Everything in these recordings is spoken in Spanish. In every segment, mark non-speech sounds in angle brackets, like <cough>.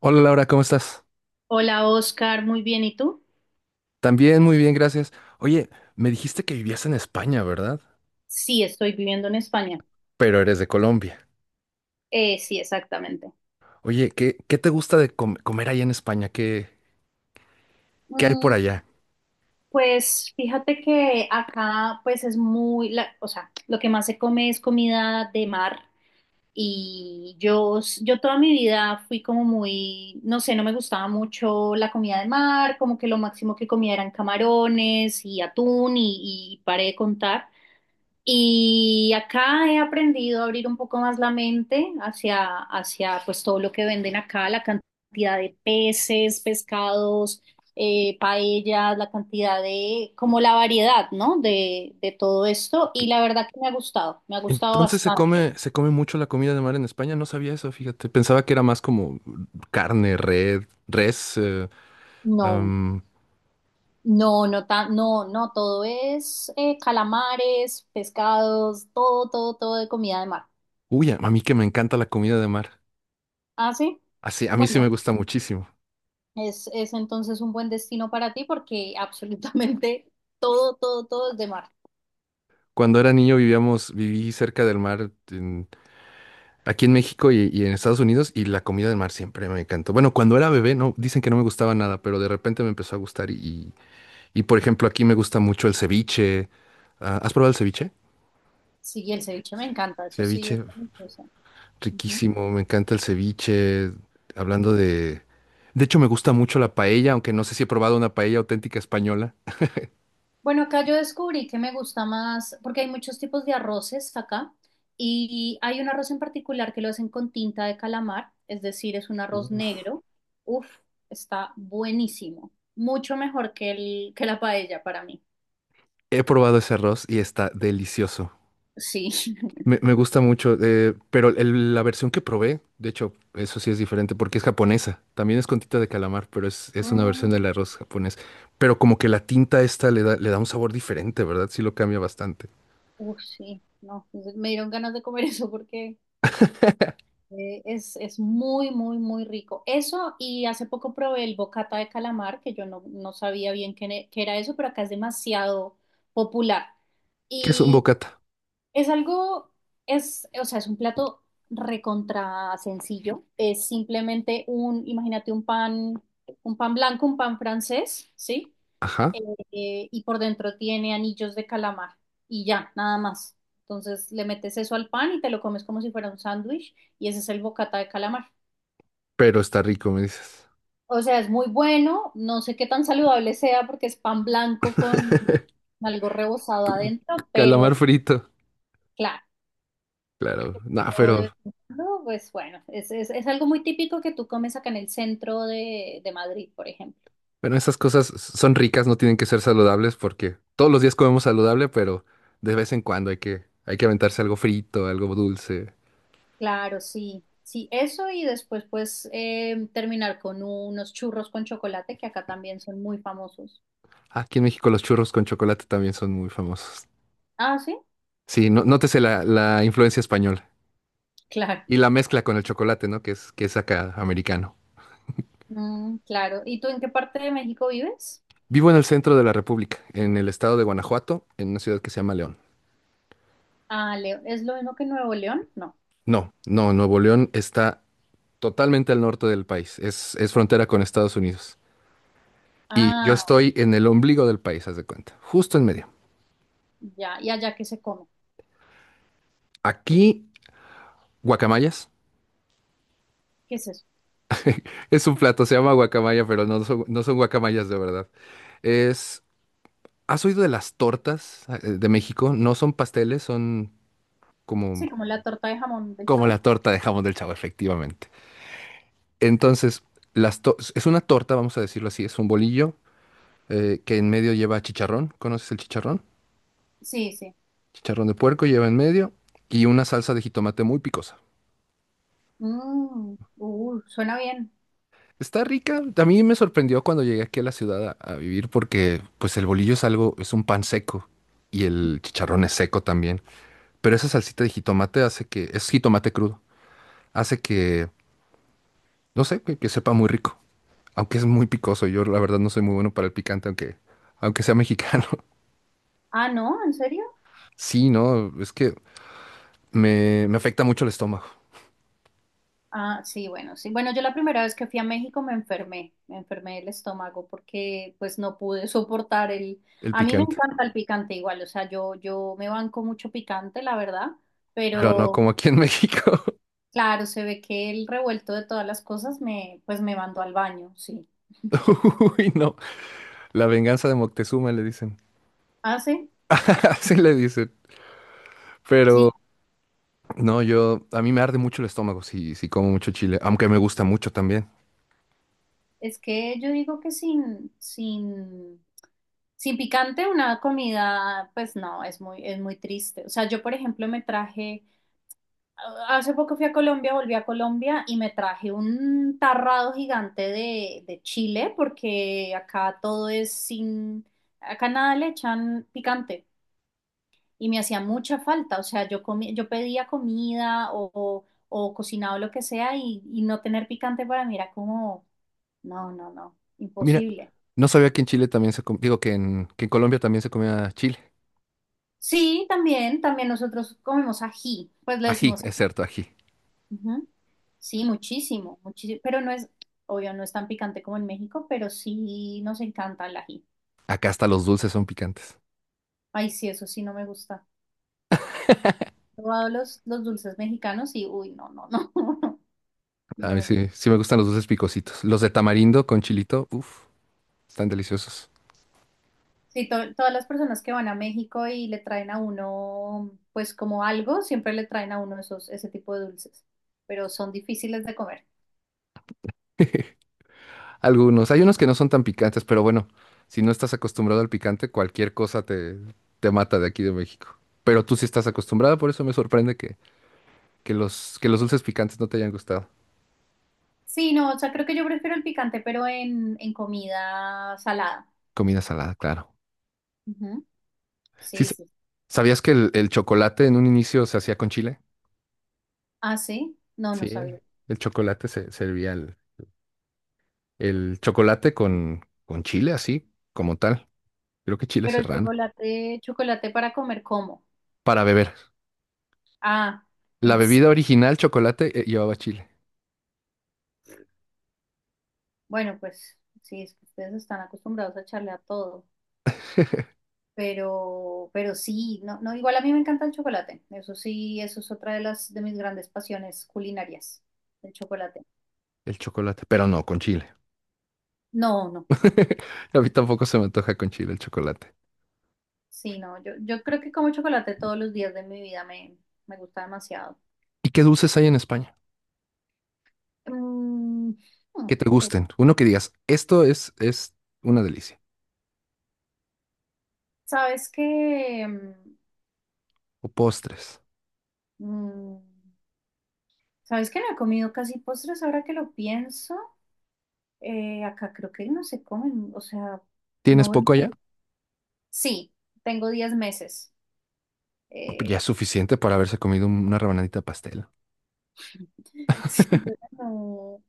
Hola Laura, ¿cómo estás? Hola Oscar, muy bien. ¿Y tú? También muy bien, gracias. Oye, me dijiste que vivías en España, ¿verdad? Sí, estoy viviendo en España. Pero eres de Colombia. Sí, exactamente. Oye, ¿qué te gusta de comer allá en España? ¿Qué, qué hay por Mm, allá? pues fíjate que acá pues es muy, o sea, lo que más se come es comida de mar y yo, yo toda mi vida fui como muy, no sé, no me gustaba mucho la comida de mar, como que lo máximo que comía eran camarones y atún y paré de contar. Y acá he aprendido a abrir un poco más la mente hacia pues todo lo que venden acá, la cantidad de peces, pescados, paellas, la cantidad de, como la variedad, ¿no? De todo esto. Y ¿Qué- la verdad que me ha gustado entonces bastante. Se come mucho la comida de mar en España. No sabía eso, fíjate. Pensaba que era más como carne, red, res. No, am, no, no, tan, no, no, todo es calamares, pescados, todo, todo, todo de comida de mar. Uy, a mí que me encanta la comida de mar. ¿Ah, sí? Así, a mí sí me Bueno. gusta muchísimo. Es entonces un buen destino para ti porque <laughs> absolutamente todo, todo, todo es de mar. Cuando era niño vivíamos, viví cerca del mar aquí en México y en Estados Unidos, y la comida de mar siempre me encantó. Bueno, cuando era bebé, no, dicen que no me gustaba nada, pero de repente me empezó a gustar y por ejemplo, aquí me gusta mucho el ceviche. Ah, ¿has probado el ceviche? Sí, y el ceviche me encanta, eso sí. Es Ceviche, delicioso. Ujú. riquísimo, me encanta el ceviche. Hablando de... De hecho, me gusta mucho la paella, aunque no sé si he probado una paella auténtica española. Bueno, acá yo descubrí que me gusta más, porque hay muchos tipos de arroces acá, y hay un arroz en particular que lo hacen con tinta de calamar, es decir, es un arroz Uf. negro. Uf, está buenísimo, mucho mejor que la paella para mí. He probado ese arroz y está delicioso. Sí. Me, <laughs> me gusta mucho, pero la versión que probé, de hecho, eso sí es diferente porque es japonesa. También es con tinta de calamar, pero es una versión Mm, del arroz japonés. Pero como que la tinta esta le da un sabor diferente, ¿verdad? Sí lo cambia bastante. Uf, sí, no, me dieron ganas de comer eso porque... Es muy, muy, muy rico. Eso, y hace poco probé el bocata de calamar, que yo no, no sabía bien qué, qué era eso, pero acá es demasiado popular. ¿Qué es un Y bocata? es algo, es, o sea, es un plato recontra sencillo. Es simplemente un, imagínate un pan blanco, un pan francés, ¿sí? eh, Ajá, y por dentro tiene anillos de calamar y ya, nada más. Entonces le metes eso al pan y te lo comes como si fuera un sándwich y ese es el bocata de calamar. pero está rico, me dices. O sea, es muy bueno, no sé qué tan saludable sea porque es pan blanco con algo rebozado adentro, Calamar pero frito, claro, claro. No, o de pero vez en cuando, pues bueno, es algo muy típico que tú comes acá en el centro de Madrid, por ejemplo. bueno, esas cosas son ricas, no tienen que ser saludables porque todos los días comemos saludable, pero de vez en cuando hay que aventarse algo frito, algo dulce. Claro, sí, sí, eso y después pues terminar con unos churros con chocolate que acá también son muy famosos. Aquí en México los churros con chocolate también son muy famosos. Ah, sí, Sí, no, nótese la influencia española claro, y la mezcla con el chocolate, ¿no? Que es acá americano. Claro. ¿Y tú en qué parte de México vives? Vivo en el centro de la República, en el estado de Guanajuato, en una ciudad que se llama León. Ah, Leo, ¿es lo mismo que Nuevo León? No. No, no, Nuevo León está totalmente al norte del país, es frontera con Estados Unidos. Y yo Ah, estoy en el ombligo del país, haz de cuenta, justo en medio. ya, ¿y allá qué se come? Aquí, guacamayas. ¿Qué es eso? Es un plato, se llama guacamaya, pero no son, no son guacamayas de verdad. Es... ¿Has oído de las tortas ah, de México? No son pasteles, son Sí, como, como la torta de jamón del como Chavo. la torta de jamón del Chavo, efectivamente. Entonces, las es una torta, vamos a decirlo así, es un bolillo que en medio lleva chicharrón. ¿Conoces el chicharrón? Sí, sí. Chicharrón de puerco lleva en medio y una salsa de jitomate muy picosa. Uh, suena bien. Está rica. A mí me sorprendió cuando llegué aquí a la ciudad a vivir porque pues el bolillo es algo, es un pan seco y el chicharrón es seco también. Pero esa salsita de jitomate hace que, es jitomate crudo, hace que... No sé, que sepa muy rico, aunque es muy picoso. Yo la verdad no soy muy bueno para el picante, aunque, aunque sea mexicano. <laughs> Ah, no, ¿en serio? Sí, no, es que me afecta mucho el estómago, Ah, sí, bueno, sí. Bueno, yo la primera vez que fui a México me enfermé del estómago porque pues no pude <laughs> soportar el... el A mí me picante. encanta el picante igual, o sea, yo me banco mucho picante, la verdad, Pero no pero como aquí en México. claro, se ve que el revuelto de todas las cosas me, pues me mandó al baño, sí. <laughs> Uy, no. La venganza de Moctezuma le dicen. Ah, sí, <laughs> Así le dicen. sí. Pero no, yo, a mí me arde mucho el estómago si, si como mucho chile, aunque me gusta mucho también. Es que yo digo que sin, sin, sin picante una comida, pues no, es muy triste. O sea, yo por ejemplo me traje... Hace poco fui a Colombia, volví a Colombia y me traje un tarrado gigante de chile porque acá todo es sin, acá nada le echan picante y me hacía mucha falta, o sea, yo pedía comida o, cocinado lo que sea y no tener picante para mí era como, no, no, no, Mira, imposible. no sabía que en Chile también se, digo que en Colombia también se comía chile. Sí, también, también nosotros comemos ají, pues le Ají, decimos es cierto, ají. Ujú. Sí, muchísimo, muchísimo, pero no es, obvio, no es tan picante como en México, pero sí nos encanta el ají. Acá hasta los dulces son picantes. Ay, sí, eso sí no me gusta. He probado los dulces mexicanos y, uy, no, no, no, <laughs> A no mí es. sí, sí me gustan los dulces picositos. Los de tamarindo con chilito, uff, están deliciosos. Sí, todas las personas que van a México y le traen a uno, pues como algo, siempre le traen a uno esos, ese tipo de dulces, pero son difíciles de comer. <laughs> Algunos, hay unos que no son tan picantes, pero bueno, si no estás acostumbrado al picante, cualquier cosa te, te mata de aquí de México. Pero tú sí estás acostumbrada, por eso me sorprende que los dulces picantes no te hayan gustado. Sí, no, o sea, creo que yo prefiero el picante, pero en comida salada. Comida salada, claro. Ujú. Sí, Sí, sí. ¿sabías que el chocolate en un inicio se hacía con chile? Ah, sí, no, no Sí, sabía. el chocolate se servía el chocolate con chile, así como tal. Creo que chile Pero el serrano. chocolate, chocolate para comer, ¿cómo? Para beber. Ah, La en se- bebida original, chocolate, llevaba chile. bueno, pues sí, es que ustedes están acostumbrados a echarle a todo, pero sí, no, no, igual a mí me encanta el chocolate, eso sí, eso es otra de las de mis grandes pasiones culinarias, el chocolate. El chocolate, pero no con chile. No, no, <laughs> A mí tampoco se me antoja con chile el chocolate. sí, no, yo creo que como chocolate todos los días de mi vida me, me gusta demasiado. ¿Y qué dulces hay en España? Mm, hmm, Que te qué- gusten. bu- Uno que digas, esto es una delicia. ¿sabes que O postres. ¿Sabes que no he comido casi postres ahora que lo pienso? Acá creo que no se comen, o sea, ¿Tienes no. poco allá? Sí, tengo 10 meses. Ya es Eh, suficiente para haberse comido una rebanadita de pastel. <laughs> Sí.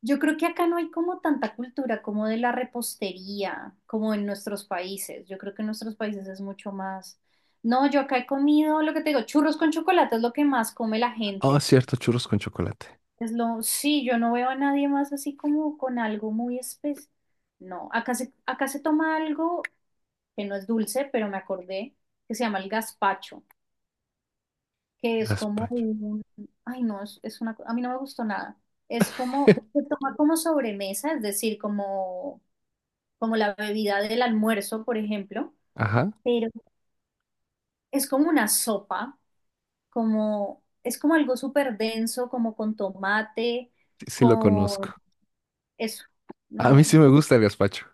Yo creo que acá no hay como tanta cultura como de la repostería, como en nuestros países. Yo creo que en nuestros países es mucho más. No, yo acá he comido lo que te digo, churros con chocolate es lo que más come la Ah, gente. cierto, churros con chocolate. Es lo, sí, yo no veo a nadie más así como con algo muy especial. No, acá se toma algo que no es dulce, pero me acordé que se llama el gazpacho. Que es como Gazpacho. un, ay no, es una, a mí no me gustó nada. Es como, se <laughs> toma como sobremesa, es decir, como, como la bebida del almuerzo, por ejemplo, Ajá, pero es como una sopa, como, es como algo súper denso, como con tomate, sí, sí lo conozco. con eso. No, A mí no, sí no. me gusta el gazpacho.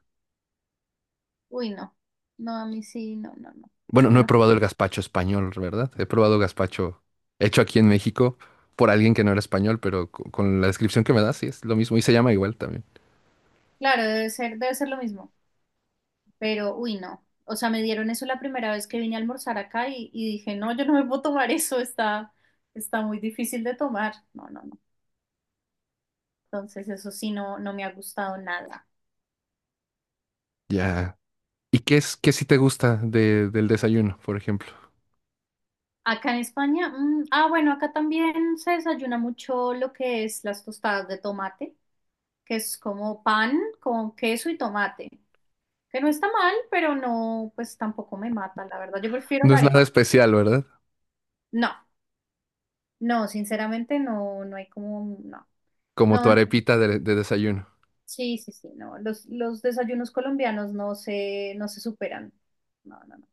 Uy, no. No, a mí sí, no, no, no. Bueno, no he No. probado el gazpacho español, ¿verdad? He probado gazpacho hecho aquí en México por alguien que no era español, pero con la descripción que me das, sí es lo mismo y se llama igual también. Claro, debe ser lo mismo. Pero, uy, no. O sea, me dieron eso la primera vez que vine a almorzar acá y dije, no, yo no me puedo tomar eso, está, está muy difícil de tomar. No, no, no. Entonces, eso sí, no, no me ha gustado nada. Ya. ¿Y qué es, qué sí te gusta del desayuno, por ejemplo? Acá en España, bueno, acá también se desayuna mucho lo que es las tostadas de tomate, que es como pan con queso y tomate, que no está mal, pero no, pues tampoco me mata, la verdad. Yo prefiero No la es nada arepa. especial, ¿verdad? No, no, sinceramente no, no hay como, no. Como No, tu no. arepita de desayuno. Sí, sí, sí, no. Los desayunos colombianos no se, no se superan. No, no, no.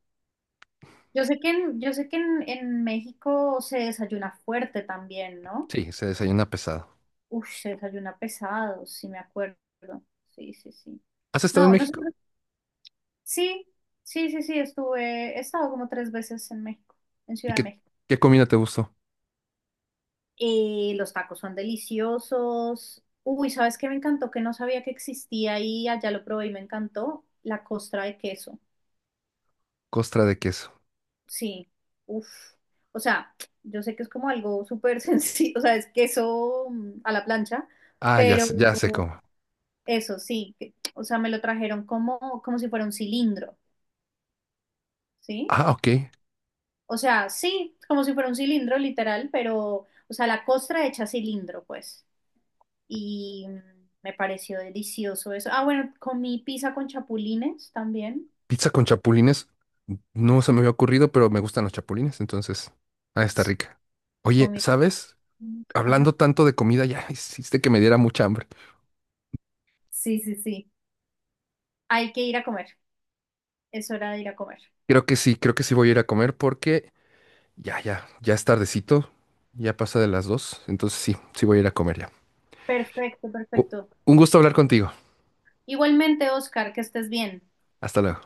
Yo sé que en, yo sé que en México se desayuna fuerte también, ¿no? Sí, se desayuna pesado. Uf, se desayuna pesado, sí me acuerdo. Sí, sí, sí. ¿Has estado en No, México? nosotros, sí, sí, sí, sí, estuve, he estado como 3 veces en México, en ¿Y Ciudad de qué, México. qué comida te gustó? Los tacos son deliciosos. Uy, ¿sabes qué me encantó? Que no sabía que existía y allá lo probé y me encantó. La costra de queso. Costra de queso. Sí, uff. O sea, yo sé que es como algo súper <laughs> sencillo, o sea, es queso a la plancha, Ah, ya, pero ya sé cómo. eso sí, o sea, me lo trajeron como, como si fuera un cilindro, ¿sí? Ah, ok. O sea, sí, como si fuera un cilindro literal, pero, o sea, la costra hecha cilindro, pues. Y mm, Me pareció delicioso eso. Ah, bueno, comí pizza con chapulines también. Pizza con chapulines, no se me había ocurrido, pero me gustan los chapulines, entonces, ah, está Sí, rica. Oye, comí. ¿sabes? Ajá. Hablando tanto de comida, ya <laughs> hiciste que me diera mucha hambre. Sí, sí, sí. Hay que ir a comer. Es hora de ir a comer. Creo que sí voy a ir a comer porque ya, ya, ya es tardecito, ya pasa de las 2, entonces sí, sí voy a ir a comer ya. Perfecto, U- perfecto. un gusto hablar contigo. Igualmente, Oscar, que estés bien. Hasta luego.